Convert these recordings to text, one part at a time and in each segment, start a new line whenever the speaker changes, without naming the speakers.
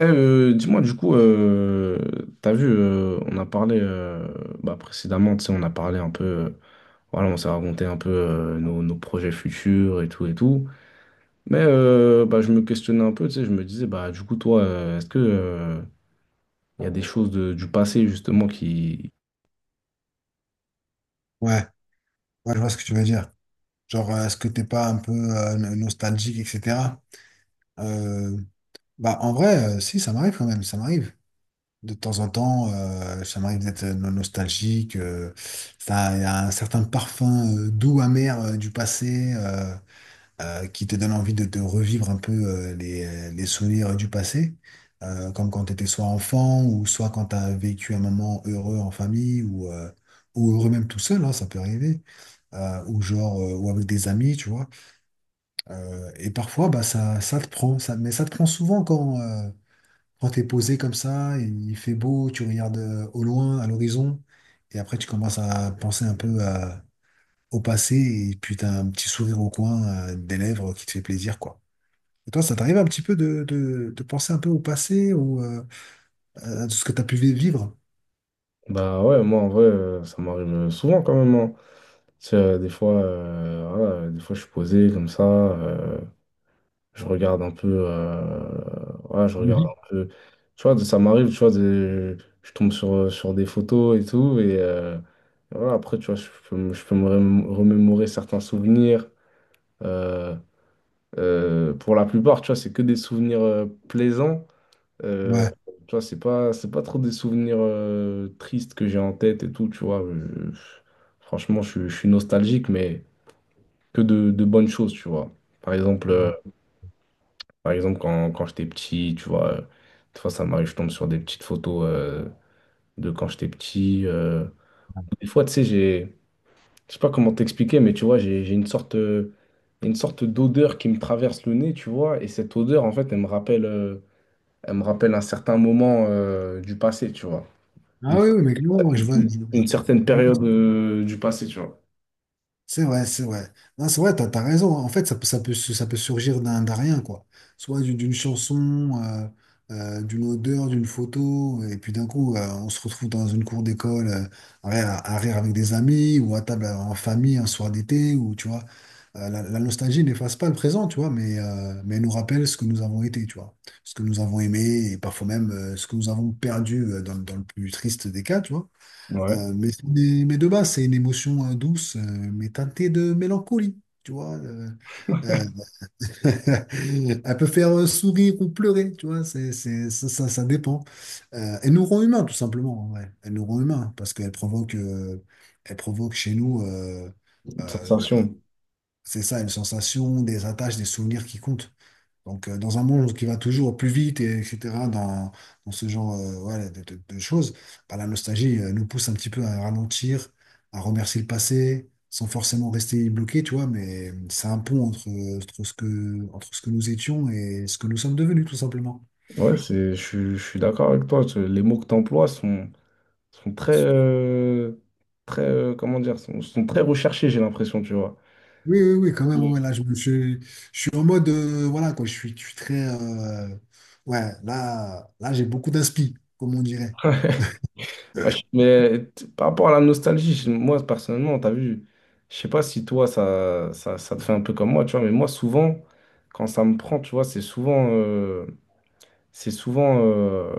Dis-moi, du coup, t'as vu, on a parlé précédemment, tu sais, on a parlé un peu, voilà, on s'est raconté un peu nos, nos projets futurs et tout et tout. Mais je me questionnais un peu, tu sais, je me disais, bah, du coup, toi, est-ce que y a des choses du passé, justement, qui.
Ouais, ouais, je vois ce que tu veux dire. Genre, est-ce que t'es pas un peu nostalgique, etc. Euh, bah, en vrai, si, ça m'arrive quand même, ça m'arrive. De temps en temps, ça m'arrive d'être nostalgique. Ça, il y a un certain parfum doux, amer du passé. Qui te donne envie de te revivre un peu les souvenirs du passé, comme quand tu étais soit enfant ou soit quand tu as vécu un moment heureux en famille ou heureux même tout seul, hein, ça peut arriver, ou avec des amis, tu vois. Et parfois, bah, ça te prend, ça, mais ça te prend souvent quand tu es posé comme ça, il fait beau, tu regardes au loin, à l'horizon, et après tu commences à penser un peu au passé, et puis tu as un petit sourire au coin des lèvres qui te fait plaisir, quoi. Et toi, ça t'arrive un petit peu de penser un peu au passé ou à tout ce que tu as pu vivre?
Bah ouais, moi, en vrai, ça m'arrive souvent quand même, hein. Tu sais, des fois, voilà, des fois, je suis posé comme ça. Je regarde un peu. Ouais, je regarde
Oui.
un peu. Tu vois, ça m'arrive, tu vois, je tombe sur, sur des photos et tout. Et voilà, après, tu vois, je peux, je peux me remémorer certains souvenirs. Euh, pour la plupart, tu vois, c'est que des souvenirs plaisants. Euh,
Ouais.
Tu vois, c'est pas trop des souvenirs tristes que j'ai en tête et tout, tu vois. Franchement, je suis nostalgique, mais que de bonnes choses, tu vois. Par exemple. Par exemple, quand j'étais petit, tu vois, des fois ça m'arrive, je tombe sur des petites photos de quand j'étais petit. Des fois, tu sais, je sais pas comment t'expliquer, mais tu vois, j'ai une sorte d'odeur qui me traverse le nez, tu vois, et cette odeur, en fait, elle me rappelle un certain moment du passé, tu vois,
Ah
une,
oui, oui, mais clairement, moi, je vois, vois-
une certaine période du passé, tu vois.
C'est vrai, c'est vrai. Non, c'est vrai, t'as raison. En fait, ça peut, ça peut surgir d'un rien, quoi. Soit d'une chanson, d'une odeur, d'une photo, et puis d'un coup, on se retrouve dans une cour d'école, à rire avec des amis, ou à table en famille un soir d'été, ou tu vois. La nostalgie n'efface pas le présent, tu vois, mais elle nous rappelle ce que nous avons été, tu vois. Ce que nous avons aimé, et parfois même ce que nous avons perdu dans le plus triste des cas, tu vois.
Ouais,
Euh, mais, c'est mais de base, c'est une émotion douce, mais teintée de mélancolie, tu vois. Euh, Elle peut faire sourire ou pleurer, tu vois, ça dépend. Elle nous rend humains, tout simplement, ouais. Elle nous rend humains, parce qu'elle provoque, elle provoque chez nous,
une
bah,
sensation.
c'est ça, une sensation, des attaches, des souvenirs qui comptent. Donc, dans un monde qui va toujours au plus vite, et, etc., dans ce genre voilà, de choses, bah, la nostalgie nous pousse un petit peu à ralentir, à remercier le passé, sans forcément rester bloqué, tu vois, mais c'est un pont entre ce que nous étions et ce que nous sommes devenus, tout simplement.
Ouais, c'est, je suis d'accord avec toi. Les mots que tu emploies sont, sont très, très comment dire, sont, sont très recherchés, j'ai l'impression, tu vois.
Oui, oui, oui, quand même, ouais,
Ouais,
là, je, me suis- je suis en mode, voilà, quoi, je suis très, ouais, j'ai beaucoup d'inspi, comme on dirait.
moi, mais par rapport à la nostalgie, moi personnellement, t'as vu, je sais pas si toi ça, ça, ça te fait un peu comme moi, tu vois, mais moi souvent, quand ça me prend, tu vois, c'est souvent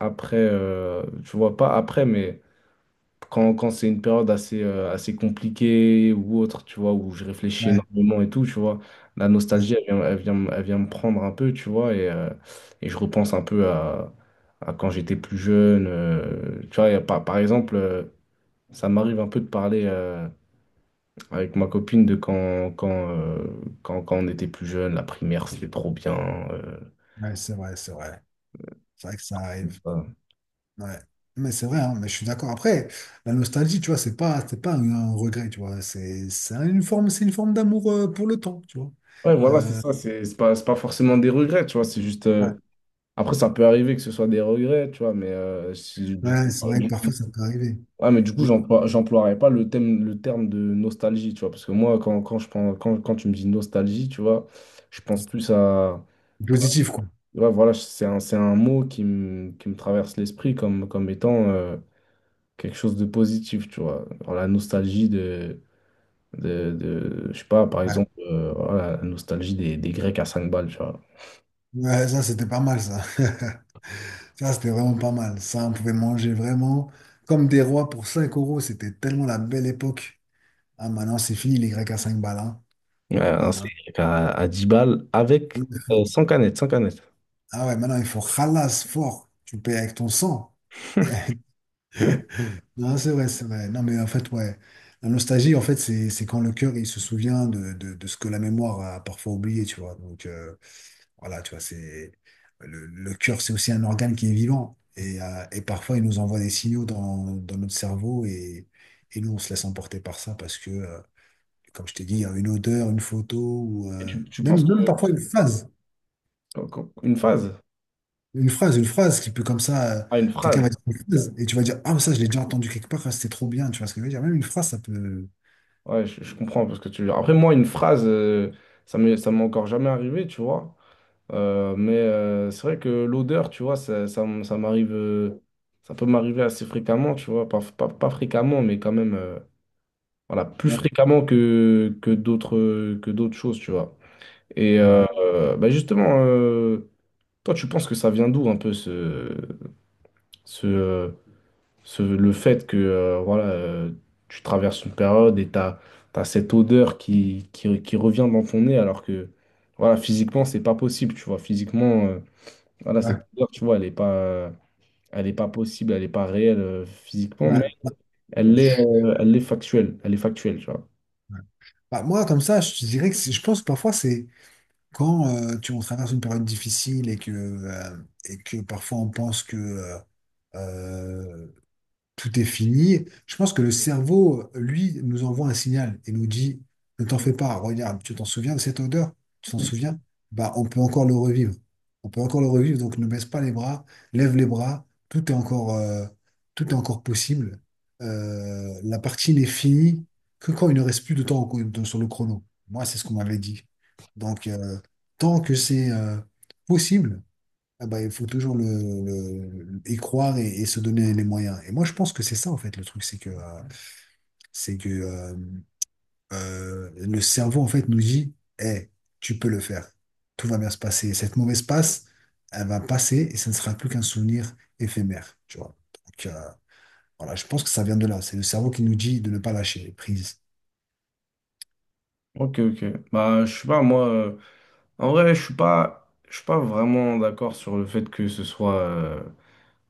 après, tu vois, pas après, mais quand, quand c'est une période assez, assez compliquée ou autre, tu vois, où je réfléchis
Ouais,
énormément et tout, tu vois, la
ouais,
nostalgie, elle vient me prendre un peu, tu vois, et je repense un peu à quand j'étais plus jeune. Tu vois, et par, par exemple, ça m'arrive un peu de parler avec ma copine de quand, quand on était plus jeune, la primaire, c'était trop bien. euh,
ouais, c'est vrai, c'est vrai. C'est vrai que ça
Tout
arrive.
ça.
Ouais, mais c'est vrai, hein, mais je suis d'accord. Après, la nostalgie, tu vois, c'est pas un regret, tu vois. C'est une forme d'amour pour le temps, tu vois.
Ouais, voilà, c'est
Euh,
ça, c'est pas forcément des regrets, tu vois, c'est juste.
ouais,
Après, ça peut arriver que ce soit des regrets, tu vois, mais du coup,
ouais, c'est vrai que parfois ça peut arriver.
ouais, mais du coup,
Mais
j'emploierais pas le thème, le terme de nostalgie, tu vois, parce que moi, quand, quand je pense, quand, quand tu me dis nostalgie, tu vois, je pense plus à,
positif, quoi.
ouais, voilà, c'est un mot qui me traverse l'esprit comme, comme étant quelque chose de positif, tu vois. Alors, la nostalgie de, je sais pas, par
Ouais,
exemple, voilà, la nostalgie des Grecs à 5 balles, tu vois.
ouais, ça, c'était pas mal, ça. Ça, c'était vraiment pas mal. Ça, on pouvait manger vraiment comme des rois pour 5 euros. C'était tellement la belle époque. Ah, maintenant, c'est fini, les Grecs à 5 balles. Hein.
Ouais, un
Ah, maintenant-
steak à 10 balles avec sans canette, sans canette.
Ah ouais, maintenant, il faut ralasse fort. Tu payes avec ton sang.
Euh,
Non, c'est vrai, c'est vrai. Non, mais en fait, ouais. La nostalgie, en fait, c'est quand le cœur, il se souvient de ce que la mémoire a parfois oublié, tu vois. Donc, voilà, tu vois, c'est... le cœur, c'est aussi un organe qui est vivant. Et parfois, il nous envoie des signaux dans notre cerveau et nous, on se laisse emporter par ça parce que, comme je t'ai dit, il y a une odeur, une photo ou...
Et tu penses
même parfois une phrase.
une phase?
Une phrase qui peut comme ça...
Ah, une
quelqu'un va
phrase.
dire une phrase et tu vas dire, ah, ça, je l'ai déjà entendu quelque part, ah, c'était trop bien, tu vois ce que je veux dire. Même une phrase, ça peut...
Ouais, je comprends parce que tu. Après, moi, une phrase, ça m'est encore jamais arrivé, tu vois. Mais c'est vrai que l'odeur, tu vois, ça, ça m'arrive. Ça peut m'arriver assez fréquemment, tu vois. Pas, pas, pas fréquemment, mais quand même. Voilà, plus fréquemment que, que d'autres choses, tu vois. Et
Ouais,
bah justement, toi, tu penses que ça vient d'où un peu ce, ce, le fait que voilà, tu traverses une période et tu as, cette odeur qui revient dans ton nez alors que voilà, physiquement, c'est pas possible, tu vois. Physiquement, voilà,
ouais,
cette odeur, tu vois, elle est pas possible, elle est pas réelle physiquement,
ouais.
mais
Bah, je-
elle est factuelle, tu vois.
ouais. Bah, moi, comme ça, je pense que parfois, c'est quand on traverse une période difficile et que parfois on pense que euh, tout est fini. Je pense que le cerveau, lui, nous envoie un signal et nous dit, ne t'en fais pas, regarde, tu t'en souviens de cette odeur? Tu t'en souviens? Bah, on peut encore le revivre. On peut encore le revivre, donc ne baisse pas les bras, lève les bras, tout est encore possible. La partie n'est finie que quand il ne reste plus de temps sur le chrono. Moi, c'est ce qu'on m'avait dit. Donc, tant que c'est possible, ah bah, il faut toujours y croire et se donner les moyens. Et moi, je pense que c'est ça, en fait, le truc, c'est que le cerveau, en fait, nous dit, eh, tu peux le faire. Tout va bien se passer. Cette mauvaise passe, elle va passer et ça ne sera plus qu'un souvenir éphémère, tu vois. Donc, voilà, je pense que ça vient de là. C'est le cerveau qui nous dit de ne pas lâcher prise.
Ok, ok. Bah, je sais pas, moi, en vrai, je suis pas vraiment d'accord sur le fait que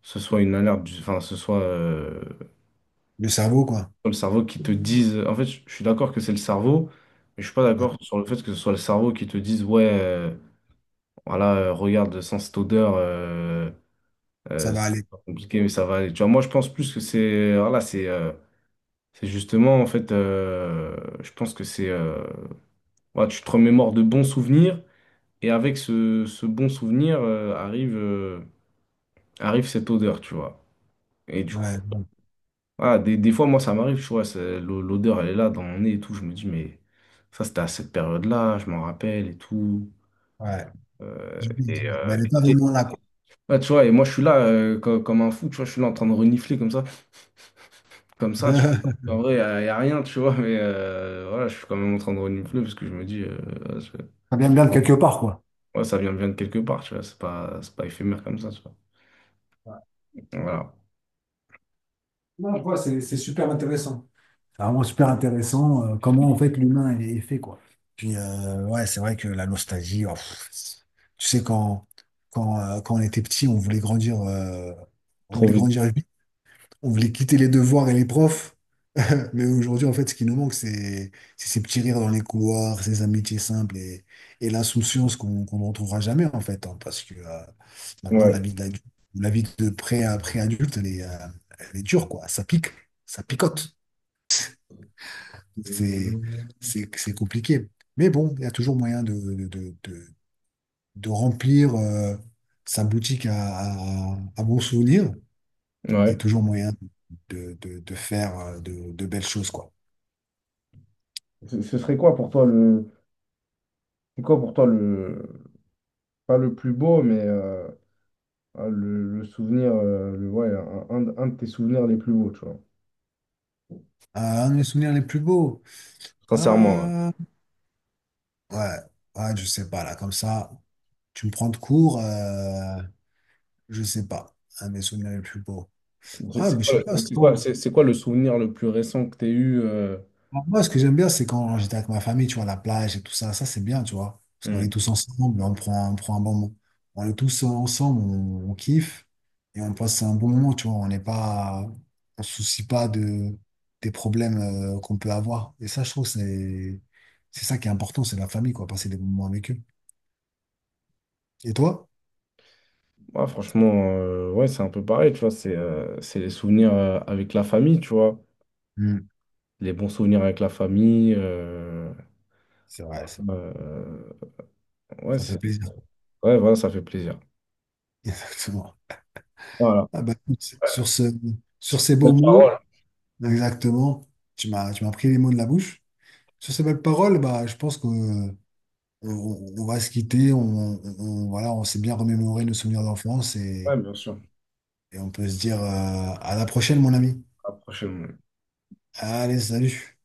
ce soit une alerte, enfin, ce soit,
Le cerveau, quoi.
le cerveau qui te dise. En fait, je suis d'accord que c'est le cerveau, mais je suis pas
Ouais,
d'accord sur le fait que ce soit le cerveau qui te dise, ouais, voilà, regarde, sans cette odeur,
ça va aller.
c'est pas compliqué, mais ça va aller. Tu vois, moi, je pense plus que c'est, voilà, c'est justement, en fait, je pense que c'est, voilà, tu te remémores de bons souvenirs, et avec ce, ce bon souvenir, arrive, arrive cette odeur, tu vois. Et du coup,
Ouais, ouais.
ah, des fois, moi, ça m'arrive, tu vois, l'odeur, elle est là dans mon nez et tout. Je me dis, mais ça, c'était à cette période-là, je m'en rappelle et tout.
Ouais.
Euh, et,
Mais
euh,
elle n'est pas
et-
vraiment là, quoi.
ouais, tu vois, et moi, je suis là comme un fou, tu vois, je suis là en train de renifler comme ça, tu vois. En vrai, y a rien, tu vois, mais voilà, je suis quand même en train de renifler parce que je me dis, ouais, je-
Ça vient bien de quelque part, quoi.
ouais, vient de quelque part, tu vois, c'est pas éphémère comme ça, tu vois. Voilà.
Non, ouais, c'est super intéressant. C'est vraiment super intéressant, comment en fait l'humain est fait, quoi. Puis, ouais, c'est vrai que la nostalgie, oh, pff, tu sais, quand on était petit, on
Trop
voulait
vite.
grandir vite, on voulait quitter les devoirs et les profs. Mais aujourd'hui, en fait, ce qui nous manque, c'est ces petits rires dans les couloirs, ces amitiés simples et l'insouciance qu'on ne retrouvera jamais, en fait. Hein, parce que maintenant,
Ouais,
la vie d'adulte, la vie de pré-adulte, elle est dure, quoi. Ça pique, ça picote. C'est c'est compliqué. Mais bon, il y a toujours moyen de remplir sa boutique à bons souvenirs et
ouais.
toujours moyen de faire de belles choses, quoi.
Ce serait quoi pour toi le. C'est quoi pour toi le. Pas le plus beau, mais. Ah, le souvenir, ouais, un, un de tes souvenirs les plus beaux, tu vois.
Ah, un de mes souvenirs les plus beaux.
Sincèrement,
Euh, ouais, ouais, je sais pas, là, comme ça, tu me prends de court, je sais pas, un de mes souvenirs les plus beaux.
ouais.
Ah,
C'est
mais
quoi,
je sais pas, c'est
c'est quoi,
quand?
c'est quoi le souvenir le plus récent que tu as eu
Alors, moi, ce que j'aime bien, c'est quand j'étais avec ma famille, tu vois, la plage et tout ça, ça c'est bien, tu vois, parce qu'on est
hmm.
tous ensemble, on prend un bon moment. On est tous ensemble, on kiffe et on passe un bon moment, tu vois, on se soucie pas de, des problèmes qu'on peut avoir. Et ça, je trouve, c'est ça qui est important, c'est la famille, quoi, passer des bons moments avec eux. Et toi?
Ouais, franchement, ouais, c'est un peu pareil, tu vois. C'est les souvenirs avec la famille, tu vois.
Hmm.
Les bons souvenirs avec la famille.
C'est vrai, ça,
Euh, ouais,
ça fait
c'est,
plaisir.
ouais, voilà, ça fait plaisir.
Exactement.
Voilà.
Ah bah, écoute, sur ce, sur
Sur
ces
cette
beaux
belle
mots,
parole.
exactement, tu m'as pris les mots de la bouche. Sur ces belles paroles, bah, je pense que on- va se quitter. On, voilà, on s'est bien remémoré nos souvenirs d'enfance
Ouais, bien sûr.
et on peut se dire à la prochaine, mon ami.
À la prochaine.
Allez, salut.